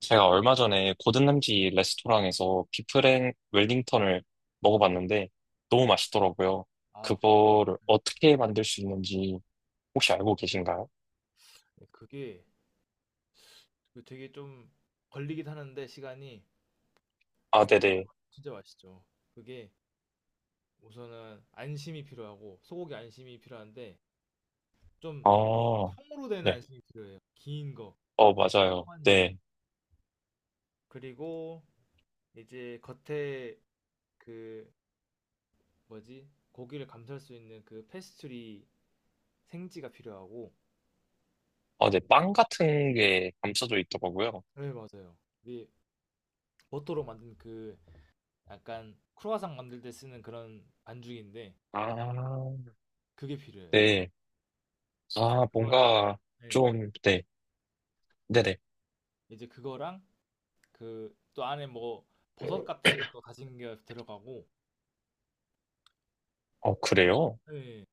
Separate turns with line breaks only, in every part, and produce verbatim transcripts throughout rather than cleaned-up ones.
제가 얼마 전에 고든램지 레스토랑에서 비프랭 웰링턴을 먹어봤는데 너무
네.
맛있더라고요.
아, 그거
그거를 어떻게 만들 수 있는지 혹시 알고 계신가요?
네, 그게 그 되게 좀 걸리긴 하는데 시간이
아, 네네.
진짜 맛있죠. 그게 우선은 안심이 필요하고 소고기 안심이 필요한데 좀
아,
통으로 된
네.
안심이 필요해요. 긴 거,
어, 맞아요.
통안심.
네.
그리고 이제 겉에 그 뭐지? 고기를 감쌀 수 있는 그 페스츄리 생지가 필요하고
아, 네. 빵 같은 게 감싸져 있더라고요.
네, 맞아요. 이게 버터로 만든 그 약간 크루아상 만들 때 쓰는 그런 반죽인데
아,
그게 필요해요.
네. 아,
그거랑
뭔가
네.
좀, 네. 네네.
이제 그거랑 그 또 안에 뭐 버섯 같은 것도 다진게 들어가고
어, 그래요?
예,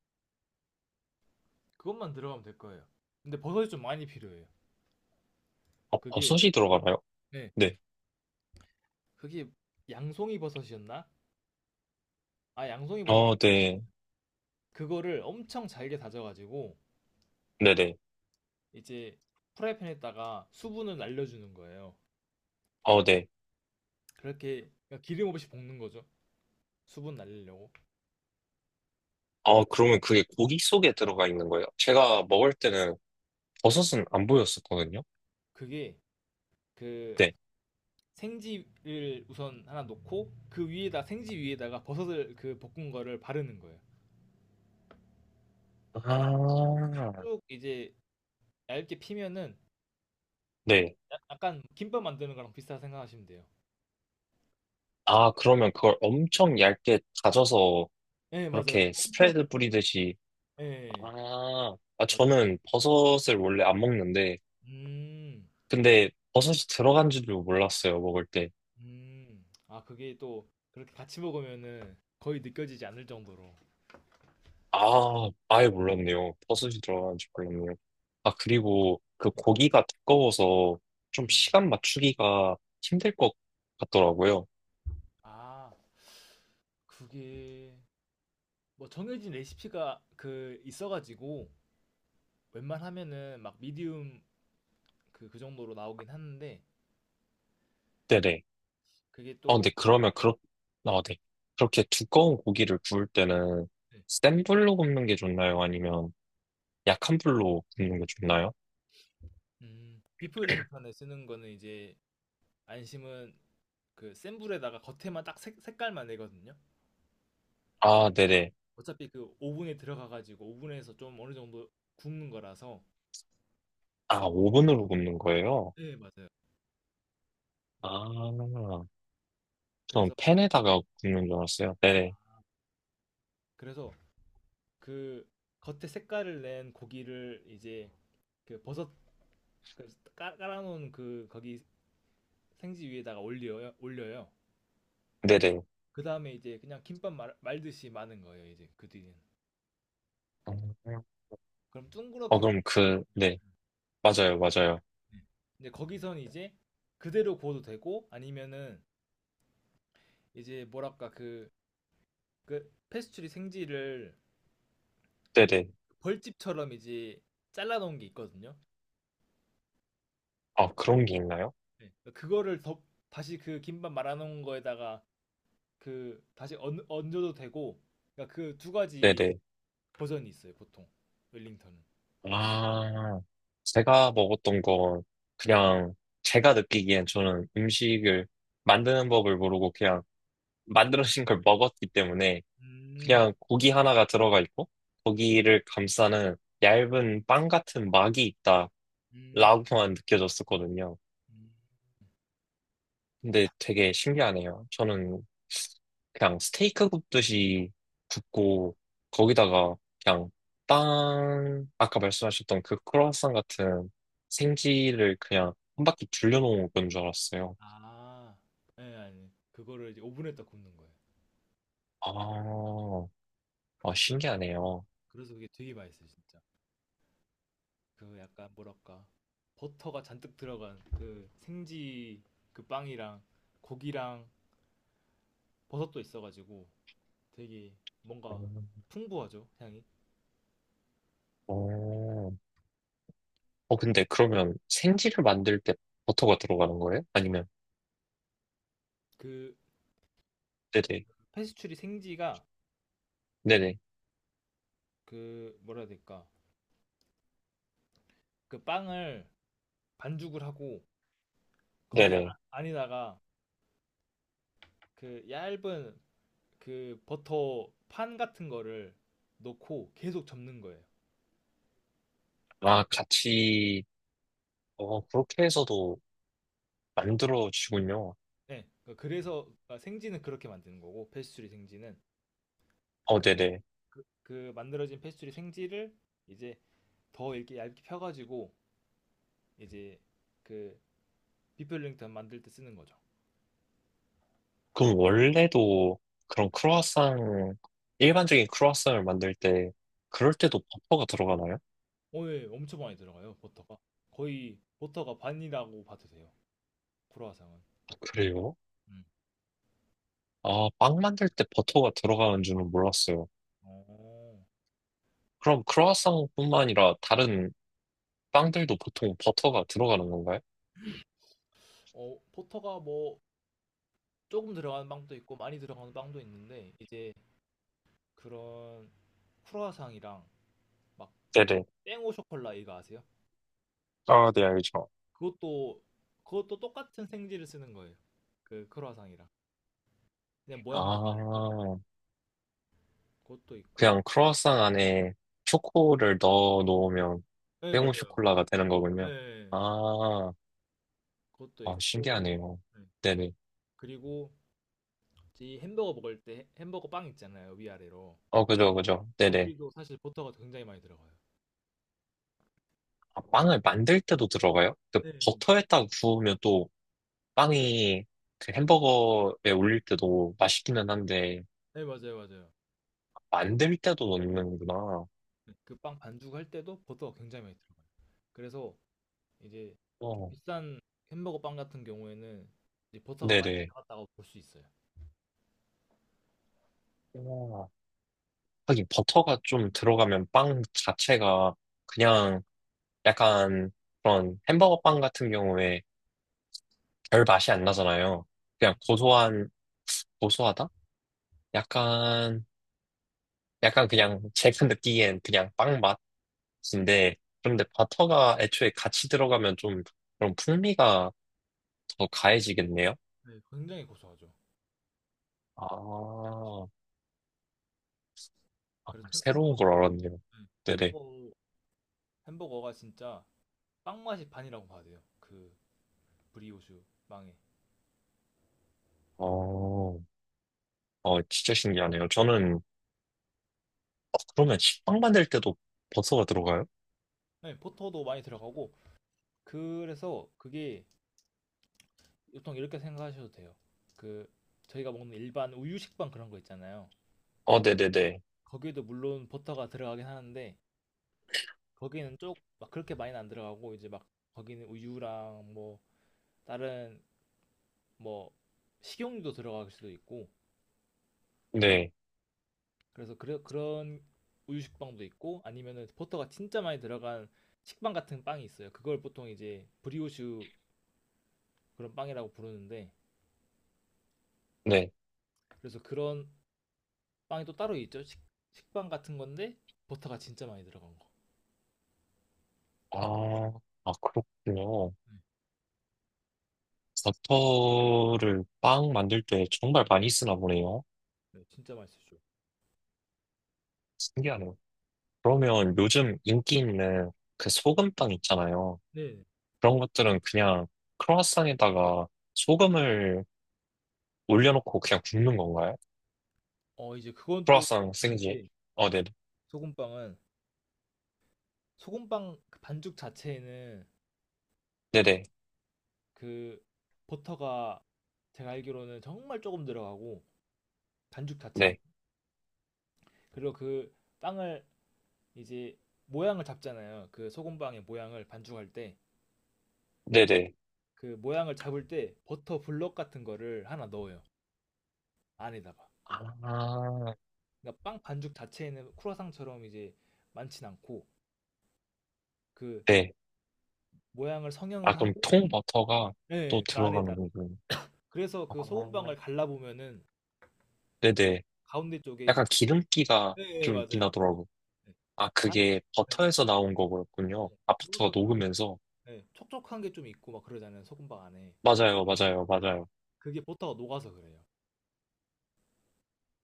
그것만 들어가면 될 거예요. 근데 버섯이 좀 많이 필요해요.
어,
그게
버섯이 들어가나요?
예,
네.
그게 양송이 버섯이었나? 아 양송이 버섯 맞-
어, 네.
그거를 엄청 잘게 다져가지고
네네.
이제 프라이팬에다가 수분을 날려주는 거예요.
어, 네.
그렇게 그러니까 기름 없이 볶는 거죠. 수분 날리려고.
아, 그러면 그게 고기 속에 들어가 있는 거예요? 제가 먹을 때는 버섯은 안 보였었거든요.
그게 그
네.
생지를 우선 하나 놓고 그 위에다 생지 위에다가 버섯을 그 볶은 거를 바르는 거예요.
아,
쭉 이제 얇게 피면은
네.
야- 약간 김밥 만드는 거랑 비슷하다 생각하시면 돼요.
아, 그러면 그걸 엄청 얇게 다져서
예, 맞아요.
그렇게
엄청
스프레드
단단하게.
뿌리듯이.
예,
아, 아,
맞아요.
저는 버섯을 원래 안 먹는데,
음,
근데 버섯이 들어간 줄도 몰랐어요, 먹을 때.
음. 아, 그게 또 그렇게 같이 먹으면은 거의 느껴지지 않을 정도로.
아, 아예 몰랐네요. 버섯이 들어간 줄 몰랐네요. 아, 그리고 그
예.
고기가 두꺼워서 좀
음.
시간 맞추기가 힘들 것 같더라고요.
아, 그게 뭐 정해진 레시피가 그 있어가지고 웬만하면은 막 미디움 그, 그 정도로 나오긴 하는데
네네.
그게
어,
또
근데 그러면 그렇,
예,
아, 네. 그렇게 두꺼운 고기를 구울 때는
예.
센 불로 굽는 게 좋나요? 아니면 약한 불로 굽는 게 좋나요?
음, 비프 링턴에 쓰는 거는 이제 안심은 그 센 불에다가 겉에만 딱 색, 색깔만 내거든요.
아, 네네.
어차피 그 오븐에 들어가가지고 오븐에서 좀 어느 정도 굽는 거라서.
아, 오븐으로 굽는 거예요?
네, 맞아요.
아, 전
그래서
팬에다가 굽는 줄 알았어요. 네네.
그래서 그 겉에 색깔을 낸 고기를 이제 그 버섯 그 깔- 깔아놓은 그 거기 생지 위에다가 올려요. 올려요.
네네.
그 다음에 이제 그냥 김밥 말, 말듯이 마는 거예요. 이제 그 뒤는.
음.
그럼
어,
둥그렇게 말릴
그럼
거 아니에요.
그, 네. 맞아요, 맞아요.
네. 이제 거기선 이제 그대로 구워도 되고 아니면은 이제 뭐랄까 그 그 페스츄리 생지를
네네.
벌집처럼 이제 잘라놓은 게 있거든요.
아, 그런 게 있나요?
네. 그거를 더 다시 그 김밥 말아놓은 거에다가 그 다시 얹, 얹어도 되고 그러니까 그 두 가지
네네.
버전이 있어요 보통 웰링턴은.
아, 제가 먹었던 건 그냥 제가 느끼기엔 저는 음식을 만드는 법을 모르고 그냥 만들어진 걸 먹었기 때문에
음,
그냥 고기 하나가 들어가 있고 고기를 감싸는 얇은 빵 같은 막이
음,
있다라고만 느껴졌었거든요.
음.
근데 되게 신기하네요. 저는 그냥 스테이크 굽듯이 굽고 거기다가 그냥 빵 아까 말씀하셨던 그 크로와상 같은 생지를 그냥 한 바퀴 둘려놓은 건 줄 알았어요.
아, 예, 아니 그거를 이제 오븐에다 굽는 거예요.
아, 아, 신기하네요.
그래서 그게 되게 맛있어요 진짜. 그 약간 뭐랄까 버터가 잔뜩 들어간 그 생지 그 빵이랑 고기랑 버섯도 있어가지고 되게 뭔가
음.
풍부하죠 향이
오, 어, 근데 그러면 생지를 만들 때 버터가 들어가는 거예요? 아니면,
그
네네,
페스츄리 생지가
네네,
그 뭐라 해야 될까 그 빵을 반죽을 하고 거기 아,
네네.
안에다가 그 얇은 그 버터 판 같은 거를 넣고 계속 접는 거예요.
아, 같이, 어, 그렇게 해서도 만들어지군요.
네, 그래서 생지는 그렇게 만드는 거고 페스츄리 생지는
어, 네네.
그 만들어진 페스츄리 생지를 이제 더 이렇게 얇게 펴가지고 이제 그 비펠링턴 만들 때 쓰는 거죠.
그럼 원래도 그런 크루아상, 일반적인 크루아상을 만들 때, 그럴 때도 버터가 들어가나요? 아,
오 엄청 많이 들어가요, 버터가. 거의 버터가 반이라고 봐도 돼요. 크로아상은.
그래요?
음.
아, 빵 만들 때 버터가 들어가는 줄은 몰랐어요.
어,
그럼 크루아상뿐만 아니라 다른 빵들도 보통 버터가 들어가는 건가요?
어, 버터가 뭐 조금 들어가는 빵도 있고 많이 들어가는 빵도 있는데 이제 그런 크로아상이랑 막
네네.
땡오 쇼콜라 이거 아세요?
아, 네, 알죠.
그것도 그것도 똑같은 생지를 쓰는 거예요. 그 크로아상이랑 그냥 모양만 다를 뿐.
아,
그것도 있고,
그냥 크루아상 안에 초코를 넣어 놓으면
네
땡오
맞아요.
쇼콜라가 되는 거군요.
네,
아,
그것도
아,
있고,
신기하네요.
네.
네네.
그리고 이 햄버거 먹을 때 햄버거 빵 있잖아요 위아래로.
어, 그죠, 그죠. 네네.
거기도 사실 버터가 굉장히 많이 들어가요.
아, 빵을 만들 때도 들어가요? 그
네, 네.
버터에다 구우면 또 빵이 그 햄버거에 올릴 때도 맛있기는 한데,
네, 맞아요, 맞아요.
만들 때도 넣는구나.
네, 그빵 반죽 할 때도 버터가 굉장히 많이 들어가요. 그래서 이제 좀
어,
비싼 햄버거 빵 같은 경우에는 이제 버터가 많이
네네.
들어갔다고 볼 수 있어요.
와, 하긴 버터가 좀 들어가면 빵 자체가 그냥 약간 그런 햄버거 빵 같은 경우에 별 맛이 안 나잖아요. 그냥
음.
고소한, 고소하다? 약간, 약간 그냥 제가 느끼기엔 그냥 빵 맛인데, 그런데 버터가 애초에 같이 들어가면 좀 그런 풍미가 더 가해지겠네요?
네, 굉장히 고소하죠. 진짜
아,
맛있고.
아,
그래서 햄-
새로운 걸
햄버거,
알았네요.
네,
네네.
햄버거, 햄버거가 진짜 빵 맛이 반이라고 봐야 돼요. 그 브리오슈 빵에.
어, 어, 진짜 신기하네요. 저는, 어, 그러면 식빵 만들 때도 버터가 들어가요?
네, 버터도 많이 들어가고 그래서 그게 보통 이렇게 생각하셔도 돼요. 그 저희가 먹는 일반 우유 식빵 그런 거 있잖아요.
어, 네네네.
거기에도 물론 버터가 들어가긴 하는데 거기는 쪽 막 그렇게 많이는 안 들어가고 이제 막 거기는 우유랑 뭐 다른 뭐 식용유도 들어갈 수도 있고
네,
그래서 그래, 그런 우유 식빵도 있고 아니면은 버터가 진짜 많이 들어간 식빵 같은 빵이 있어요. 그걸 보통 이제 브리오슈 그런 빵이라고 부르는데
네.
그래서 그런 빵이 또 따로 있죠. 식, 식빵 같은 건데 버터가 진짜 많이 들어간 거.
아, 아, 그렇군요.
네.
버터를 빵 만들 때 정말 많이 쓰나 보네요.
네, 진짜 맛있었죠.
신기하네요. 그러면 요즘 인기 있는 그 소금빵 있잖아요.
네.
그런 것들은 그냥 크로와상에다가 소금을 올려놓고 그냥 굽는 건가요?
어, 이제 그건 또
크로와상
다른
생지.
게
어, 네,
소금빵은 소금빵 그 반죽 자체에는
네네,
그 버터가 제가 알기로는 정말 조금 들어가고 반죽 자체에
네,
그리고 그 빵을 이제 모양을 잡잖아요. 그 소금빵의 모양을 반죽할 때
네네.
그 모양을 잡을 때 버터 블럭 같은 거를 하나 넣어요. 안에다가.
아,
그러니까 빵 반죽 자체에는 크루아상처럼 이제 많진 않고 그
네.
모양을
아,
성형을
그럼
하고
통버터가 또
네, 그
들어가는
안에다가
거군요.
그래서
아,
그 소금빵을 갈라보면은
네네.
가운데 쪽에
약간 기름기가
네, 네,
좀 있긴
맞아요.
하더라고요.
네.
아,
안에
그게
네.
버터에서 나온 거였군요.
네.
아파트가
뭐랄까 그
녹으면서.
네. 촉촉한 게 좀 있고 막 그러잖아요. 소금빵 안에.
맞아요, 맞아요,
네.
맞아요.
그게 버터가 녹아서 그래요.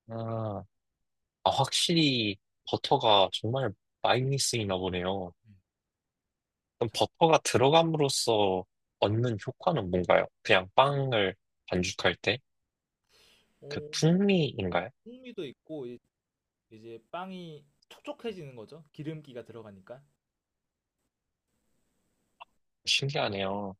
아, 아, 확실히 버터가 정말 많이 쓰이나 보네요.
네.
그럼
자,
버터가 들어감으로써 얻는 효과는 뭔가요? 그냥 빵을 반죽할 때? 그
어, 뭐
풍미인가요?
풍미도 있고 이- 이제 빵이 촉촉해지는 거죠. 기름기가 들어가니까.
신기하네요.